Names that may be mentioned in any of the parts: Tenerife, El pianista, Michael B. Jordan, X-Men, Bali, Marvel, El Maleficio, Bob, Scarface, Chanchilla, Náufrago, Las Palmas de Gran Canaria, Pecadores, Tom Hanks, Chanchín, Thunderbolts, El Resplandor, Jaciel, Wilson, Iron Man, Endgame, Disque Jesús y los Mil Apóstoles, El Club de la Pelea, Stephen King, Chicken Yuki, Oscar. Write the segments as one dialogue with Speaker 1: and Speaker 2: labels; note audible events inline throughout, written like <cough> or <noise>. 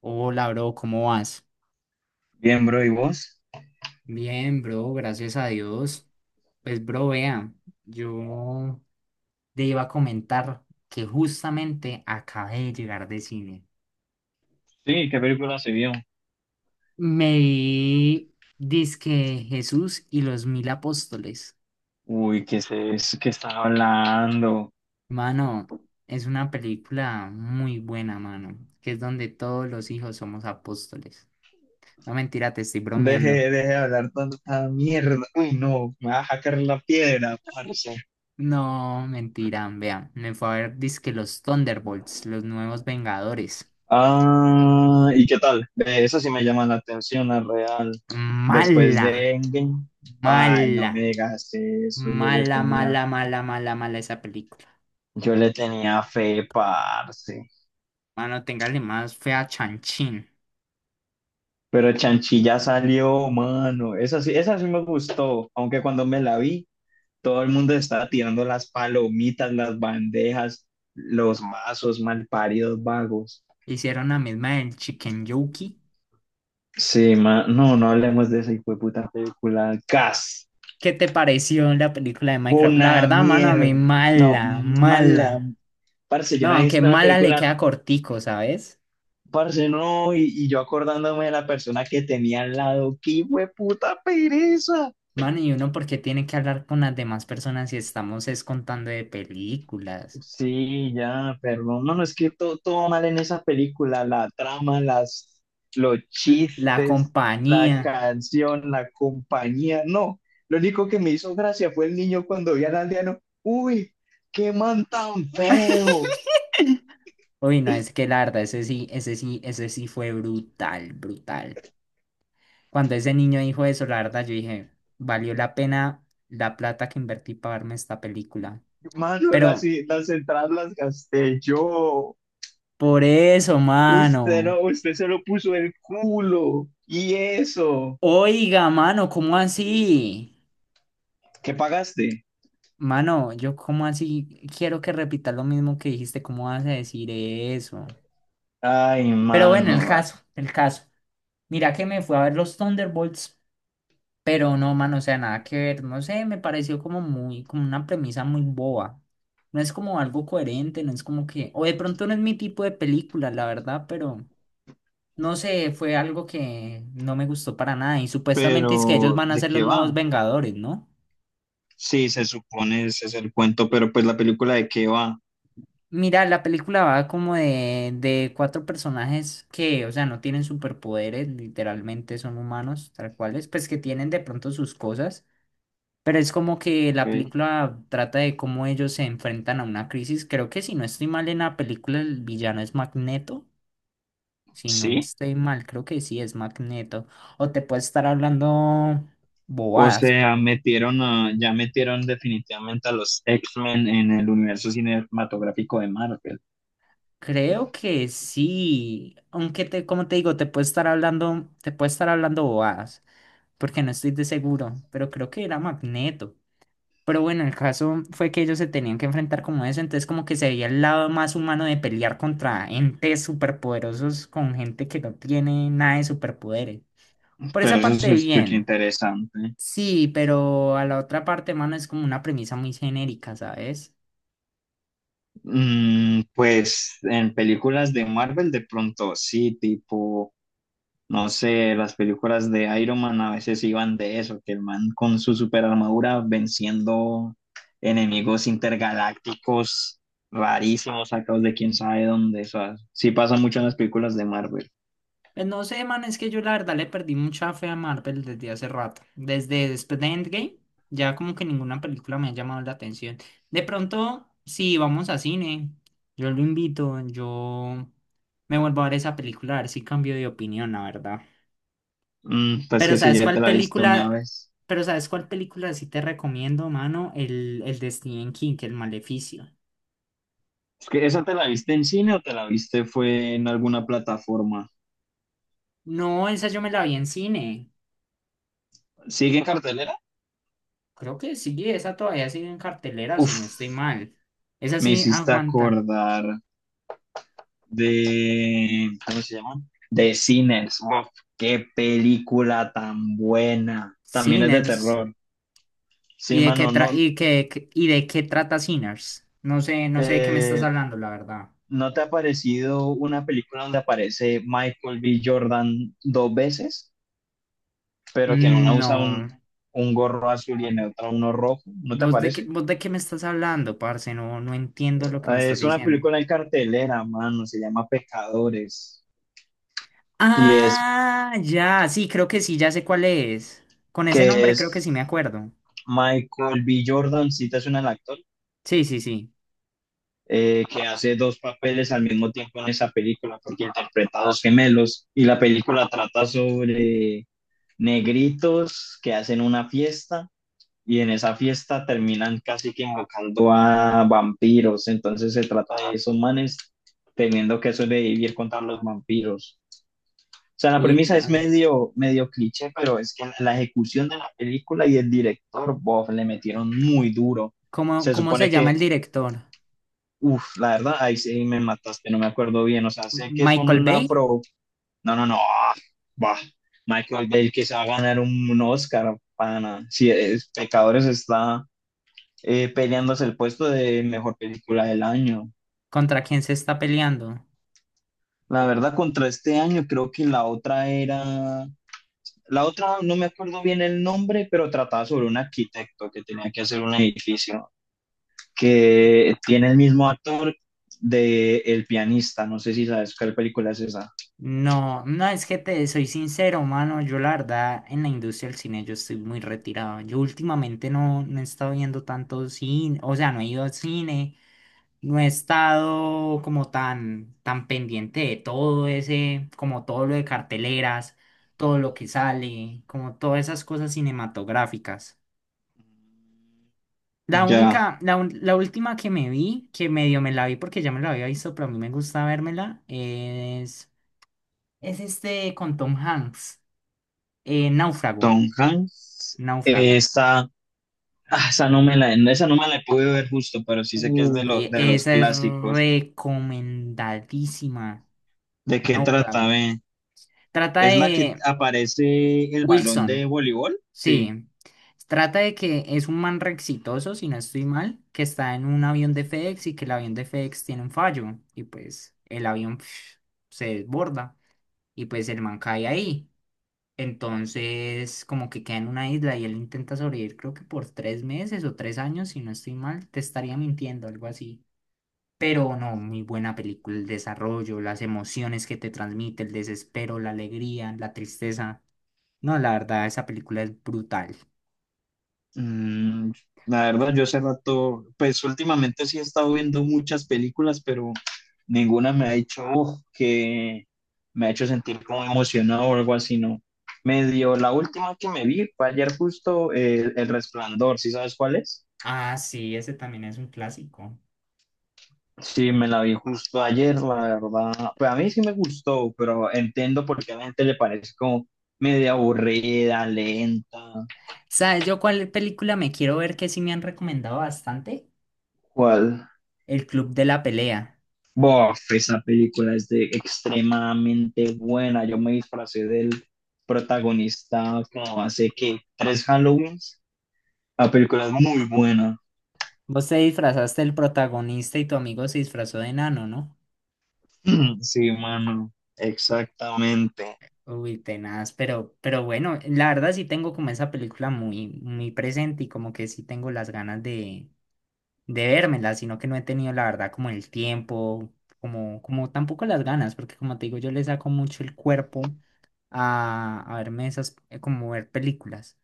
Speaker 1: Hola, bro, ¿cómo vas?
Speaker 2: Bien, bro, ¿y vos?
Speaker 1: Bien, bro, gracias a Dios. Pues, bro, vea, yo te iba a comentar que justamente acabé de llegar de cine.
Speaker 2: Sí, ¿qué película se vio?
Speaker 1: Me vi Disque Jesús y los Mil Apóstoles.
Speaker 2: Uy, ¿qué es eso? ¿Qué están hablando?
Speaker 1: Mano, es una película muy buena, mano, que es donde todos los hijos somos apóstoles. No, mentira, te estoy
Speaker 2: Deje,
Speaker 1: bromeando.
Speaker 2: deje de hablar tanta mierda. Uy, no, me va a sacar la piedra, parce.
Speaker 1: No, mentira, vea, me fue a ver Disque los Thunderbolts, los nuevos Vengadores.
Speaker 2: Ah, ¿y qué tal? De eso sí me llama la atención, la real. Después
Speaker 1: Mala,
Speaker 2: de Endgame, ay, no
Speaker 1: mala,
Speaker 2: me digas eso, yo le
Speaker 1: mala,
Speaker 2: tenía,
Speaker 1: mala, mala, mala, mala esa película.
Speaker 2: yo le tenía fe, parce.
Speaker 1: Mano, téngale más fe a Chanchín.
Speaker 2: Pero Chanchilla salió, mano. Esa sí me gustó, aunque cuando me la vi, todo el mundo estaba tirando las palomitas, las bandejas, los vasos malparidos vagos.
Speaker 1: Hicieron la misma del Chicken Yuki.
Speaker 2: Sí, no, no hablemos de esa hijueputa película. Gas,
Speaker 1: ¿Qué te pareció la película de Minecraft? La
Speaker 2: una
Speaker 1: verdad, mano, a mí
Speaker 2: mierda. No,
Speaker 1: mala,
Speaker 2: mala.
Speaker 1: mala.
Speaker 2: Parce, yo no
Speaker 1: No,
Speaker 2: he
Speaker 1: aunque
Speaker 2: visto una
Speaker 1: mala le
Speaker 2: película,
Speaker 1: queda cortico, ¿sabes?
Speaker 2: parce, no, y yo acordándome de la persona que tenía al lado. ¡Qué hijueputa pereza!
Speaker 1: Mano, y uno porque tiene que hablar con las demás personas si estamos es contando de películas.
Speaker 2: Sí, ya, pero no, no, no, es que todo mal en esa película, la trama, los
Speaker 1: La
Speaker 2: chistes, la
Speaker 1: compañía.
Speaker 2: canción, la compañía, no, lo único que me hizo gracia fue el niño cuando vi al aldeano, uy, qué man tan
Speaker 1: <laughs>
Speaker 2: feo,
Speaker 1: Uy, no, es que la verdad, ese sí, ese sí, ese sí fue brutal, brutal. Cuando ese niño dijo eso, la verdad, yo dije, valió la pena la plata que invertí para verme esta película.
Speaker 2: mano. las,
Speaker 1: Pero
Speaker 2: las entradas las gasté yo,
Speaker 1: por eso,
Speaker 2: usted
Speaker 1: mano.
Speaker 2: no, usted se lo puso el culo, y eso,
Speaker 1: Oiga, mano, ¿cómo así?
Speaker 2: ¿qué pagaste?
Speaker 1: Mano, yo cómo así quiero que repitas lo mismo que dijiste, ¿cómo vas a decir eso?
Speaker 2: Ay,
Speaker 1: Pero bueno, el
Speaker 2: mano.
Speaker 1: caso, el caso. Mira que me fui a ver los Thunderbolts. Pero no, mano, o sea, nada que ver, no sé, me pareció como una premisa muy boba. No es como algo coherente, no es como que, o de pronto no es mi tipo de película, la verdad, pero no sé, fue algo que no me gustó para nada. Y supuestamente es que ellos
Speaker 2: Pero,
Speaker 1: van a
Speaker 2: ¿de
Speaker 1: ser los
Speaker 2: qué
Speaker 1: nuevos
Speaker 2: va?
Speaker 1: Vengadores, ¿no?
Speaker 2: Sí, se supone ese es el cuento, pero pues la película de qué va,
Speaker 1: Mira, la película va como de cuatro personajes que, o sea, no tienen superpoderes, literalmente son humanos, tal cuales, pues que tienen de pronto sus cosas. Pero es como que
Speaker 2: ¿ok?
Speaker 1: la película trata de cómo ellos se enfrentan a una crisis. Creo que si no estoy mal en la película, el villano es Magneto. Si no
Speaker 2: Sí.
Speaker 1: estoy mal, creo que sí es Magneto. O te puede estar hablando
Speaker 2: O
Speaker 1: bobadas.
Speaker 2: sea, ya metieron definitivamente a los X-Men en el universo cinematográfico de Marvel.
Speaker 1: Creo que sí. Aunque te, como te digo, te puede estar hablando bobadas. Porque no estoy de seguro. Pero creo que era Magneto. Pero bueno, el caso fue que ellos se tenían que enfrentar como eso, entonces como que se veía el lado más humano de pelear contra entes superpoderosos con gente que no tiene nada de superpoderes. Por
Speaker 2: Pero
Speaker 1: esa
Speaker 2: eso se
Speaker 1: parte
Speaker 2: escucha
Speaker 1: bien,
Speaker 2: interesante.
Speaker 1: sí, pero a la otra parte, mano, es como una premisa muy genérica, ¿sabes?
Speaker 2: Mm, pues en películas de Marvel de pronto sí, tipo, no sé, las películas de Iron Man a veces iban de eso, que el man con su super armadura venciendo enemigos intergalácticos rarísimos, sacados de quién sabe dónde. O sea, sí pasa mucho en las películas de Marvel.
Speaker 1: Pues no sé, man, es que yo la verdad le perdí mucha fe a Marvel desde hace rato. Desde después de Endgame, ya como que ninguna película me ha llamado la atención. De pronto, si vamos a cine, yo lo invito, yo me vuelvo a ver esa película, a ver si cambio de opinión, la verdad.
Speaker 2: Mm, pues
Speaker 1: Pero
Speaker 2: que si
Speaker 1: ¿sabes
Speaker 2: ya te
Speaker 1: cuál
Speaker 2: la viste una
Speaker 1: película?
Speaker 2: vez.
Speaker 1: Pero ¿sabes cuál película sí te recomiendo, mano? El de Stephen King, El Maleficio.
Speaker 2: Es que ¿esa te la viste en cine o te la viste fue en alguna plataforma?
Speaker 1: No, esa yo me la vi en cine.
Speaker 2: ¿Sigue en cartelera?
Speaker 1: Creo que sí, esa todavía sigue en cartelera, si
Speaker 2: Uf,
Speaker 1: no estoy mal. Esa
Speaker 2: me
Speaker 1: sí
Speaker 2: hiciste
Speaker 1: aguanta.
Speaker 2: acordar de, ¿cómo se llama?, de Sinners. Uf, qué película tan buena. También es de
Speaker 1: Sinners.
Speaker 2: terror. Sí,
Speaker 1: ¿Y de
Speaker 2: mano,
Speaker 1: qué tra-
Speaker 2: no,
Speaker 1: y qué- qué- y de qué trata Sinners? No sé, no sé de qué me estás
Speaker 2: eh,
Speaker 1: hablando, la verdad.
Speaker 2: ¿no te ha parecido una película donde aparece Michael B. Jordan dos veces, pero que en una
Speaker 1: Mm,
Speaker 2: usa un,
Speaker 1: no.
Speaker 2: un gorro azul y en otra uno rojo? ¿No te
Speaker 1: ¿Vos de qué,
Speaker 2: parece?
Speaker 1: vos de qué me estás hablando, parce? No, no entiendo lo que me estás
Speaker 2: Es una
Speaker 1: diciendo.
Speaker 2: película en cartelera, mano, se llama Pecadores. Y es
Speaker 1: Ah, ya, sí, creo que sí, ya sé cuál es. Con ese
Speaker 2: que
Speaker 1: nombre creo que sí me
Speaker 2: es
Speaker 1: acuerdo.
Speaker 2: Michael B. Jordan, si te suena el actor.
Speaker 1: Sí, sí, sí.
Speaker 2: Que hace dos papeles al mismo tiempo en esa película, porque interpreta a dos gemelos y la película trata sobre negritos que hacen una fiesta y en esa fiesta terminan casi que invocando a vampiros, entonces se trata de esos manes teniendo que sobrevivir contra los vampiros. O sea, la
Speaker 1: Uy,
Speaker 2: premisa es
Speaker 1: no.
Speaker 2: medio, medio cliché, pero es que la ejecución de la película y el director, Bob, le metieron muy duro.
Speaker 1: ¿Cómo,
Speaker 2: Se
Speaker 1: cómo
Speaker 2: supone
Speaker 1: se llama el
Speaker 2: que
Speaker 1: director?
Speaker 2: Uf, la verdad, ahí sí me mataste, no me acuerdo bien. O sea, sé que es
Speaker 1: ¿Michael
Speaker 2: un
Speaker 1: Bay?
Speaker 2: afro. No, no, no. Bah, Michael Bell que se va a ganar un Oscar, pana. Si es, Pecadores está peleándose el puesto de mejor película del año.
Speaker 1: ¿Contra quién se está peleando?
Speaker 2: La verdad, contra este año, creo que la otra era. La otra, no me acuerdo bien el nombre, pero trataba sobre un arquitecto que tenía que hacer un edificio que tiene el mismo actor de El pianista. No sé si sabes cuál película es esa.
Speaker 1: No, no, es que te soy sincero, mano. Yo la verdad, en la industria del cine yo estoy muy retirado. Yo últimamente no, no he estado viendo tanto cine, o sea, no he ido al cine, no he estado como tan, tan pendiente de todo ese, como todo lo de carteleras, todo lo que sale, como todas esas cosas cinematográficas. La
Speaker 2: Ya.
Speaker 1: única, la última que me vi, que medio me la vi porque ya me la había visto, pero a mí me gusta vérmela, es... Es este con Tom Hanks. Náufrago.
Speaker 2: Tom Hanks,
Speaker 1: Náufrago.
Speaker 2: esa no me la pude ver justo, pero sí sé que es de,
Speaker 1: Uy,
Speaker 2: de los
Speaker 1: esa es
Speaker 2: clásicos.
Speaker 1: recomendadísima.
Speaker 2: ¿De qué trata,
Speaker 1: Náufrago.
Speaker 2: ve?
Speaker 1: Trata
Speaker 2: ¿Es la que
Speaker 1: de...
Speaker 2: aparece el balón de
Speaker 1: Wilson.
Speaker 2: voleibol? Sí.
Speaker 1: Sí. Trata de que es un man re exitoso, si no estoy mal, que está en un avión de FedEx y que el avión de FedEx tiene un fallo. Y pues el avión pf, se desborda. Y pues el man cae ahí. Entonces, como que queda en una isla y él intenta sobrevivir, creo que por 3 meses o 3 años, si no estoy mal, te estaría mintiendo, algo así. Pero no, muy buena película, el desarrollo, las emociones que te transmite, el desespero, la alegría, la tristeza. No, la verdad, esa película es brutal.
Speaker 2: Mm, la verdad, yo hace rato, pues últimamente sí he estado viendo muchas películas, pero ninguna me ha hecho "Uf", que me ha hecho sentir como emocionado o algo así, ¿no? Medio, la última que me vi fue ayer justo El Resplandor, ¿sí sabes cuál es?
Speaker 1: Ah, sí, ese también es un clásico.
Speaker 2: Sí, me la vi justo ayer, la verdad. Pues a mí sí me gustó, pero entiendo por qué a la gente le parece como media aburrida, lenta.
Speaker 1: ¿Sabes yo cuál película me quiero ver que sí me han recomendado bastante?
Speaker 2: ¿Cuál?
Speaker 1: El Club de la Pelea.
Speaker 2: Bof, esa película es de extremadamente buena. Yo me disfracé del protagonista como hace que tres Halloweens. La película es muy buena.
Speaker 1: Vos te disfrazaste del protagonista y tu amigo se disfrazó de enano, ¿no?
Speaker 2: <clears throat> Sí, mano, exactamente.
Speaker 1: Uy, tenaz, pero bueno, la verdad sí tengo como esa película muy, muy presente y como que sí tengo las ganas de vérmela, sino que no he tenido la verdad como el tiempo, como, como tampoco las ganas, porque como te digo, yo le saco mucho el cuerpo a verme esas, como ver películas.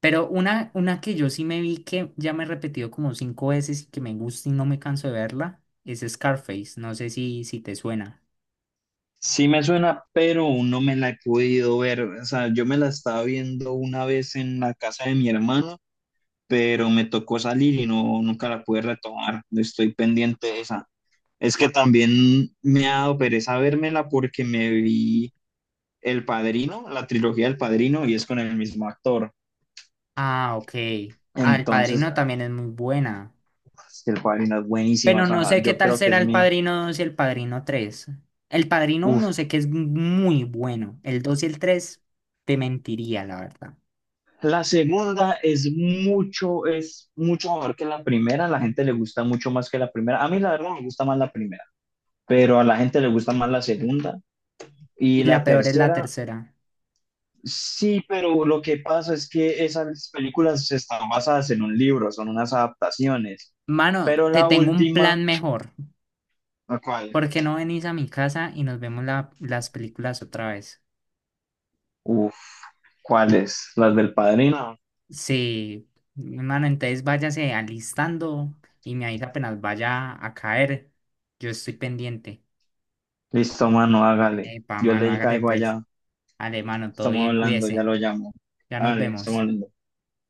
Speaker 1: Pero una que yo sí me vi que ya me he repetido como cinco veces y que me gusta y no me canso de verla, es Scarface, no sé si te suena.
Speaker 2: Sí me suena, pero no me la he podido ver. O sea, yo me la estaba viendo una vez en la casa de mi hermano, pero me tocó salir y no, nunca la pude retomar. Estoy pendiente de esa. Es que también me ha dado pereza vérmela porque me vi El Padrino, la trilogía del Padrino, y es con el mismo actor.
Speaker 1: Ah, ok. Ah, El
Speaker 2: Entonces,
Speaker 1: Padrino también es muy buena.
Speaker 2: el Padrino es buenísima, o
Speaker 1: Pero no
Speaker 2: sea,
Speaker 1: sé qué
Speaker 2: yo
Speaker 1: tal
Speaker 2: creo que
Speaker 1: será
Speaker 2: es
Speaker 1: el
Speaker 2: mi...
Speaker 1: Padrino dos y el Padrino tres. El Padrino
Speaker 2: Uf.
Speaker 1: uno sé que es muy bueno. El 2 y el 3 te mentiría, la verdad.
Speaker 2: La segunda es mucho mejor que la primera, a la gente le gusta mucho más que la primera. A mí la verdad me gusta más la primera, pero a la gente le gusta más la segunda. Y
Speaker 1: Y la
Speaker 2: la
Speaker 1: peor es la
Speaker 2: tercera,
Speaker 1: tercera.
Speaker 2: sí, pero lo que pasa es que esas películas están basadas en un libro, son unas adaptaciones.
Speaker 1: Mano,
Speaker 2: Pero
Speaker 1: te
Speaker 2: la
Speaker 1: tengo un
Speaker 2: última,
Speaker 1: plan mejor.
Speaker 2: ¿la cuál?
Speaker 1: ¿Por qué no venís a mi casa y nos vemos las películas otra vez?
Speaker 2: Uf, ¿cuáles? ¿Las del padrino?
Speaker 1: Sí, mano, entonces váyase alistando y me avisa apenas vaya a caer. Yo estoy pendiente.
Speaker 2: Listo, mano, hágale.
Speaker 1: Epa,
Speaker 2: Yo
Speaker 1: mano,
Speaker 2: le
Speaker 1: hágale
Speaker 2: caigo
Speaker 1: pues.
Speaker 2: allá.
Speaker 1: Ale mano, todo
Speaker 2: Estamos
Speaker 1: bien,
Speaker 2: hablando, ya
Speaker 1: cuídese.
Speaker 2: lo llamo.
Speaker 1: Ya nos
Speaker 2: Hágale, estamos
Speaker 1: vemos.
Speaker 2: hablando.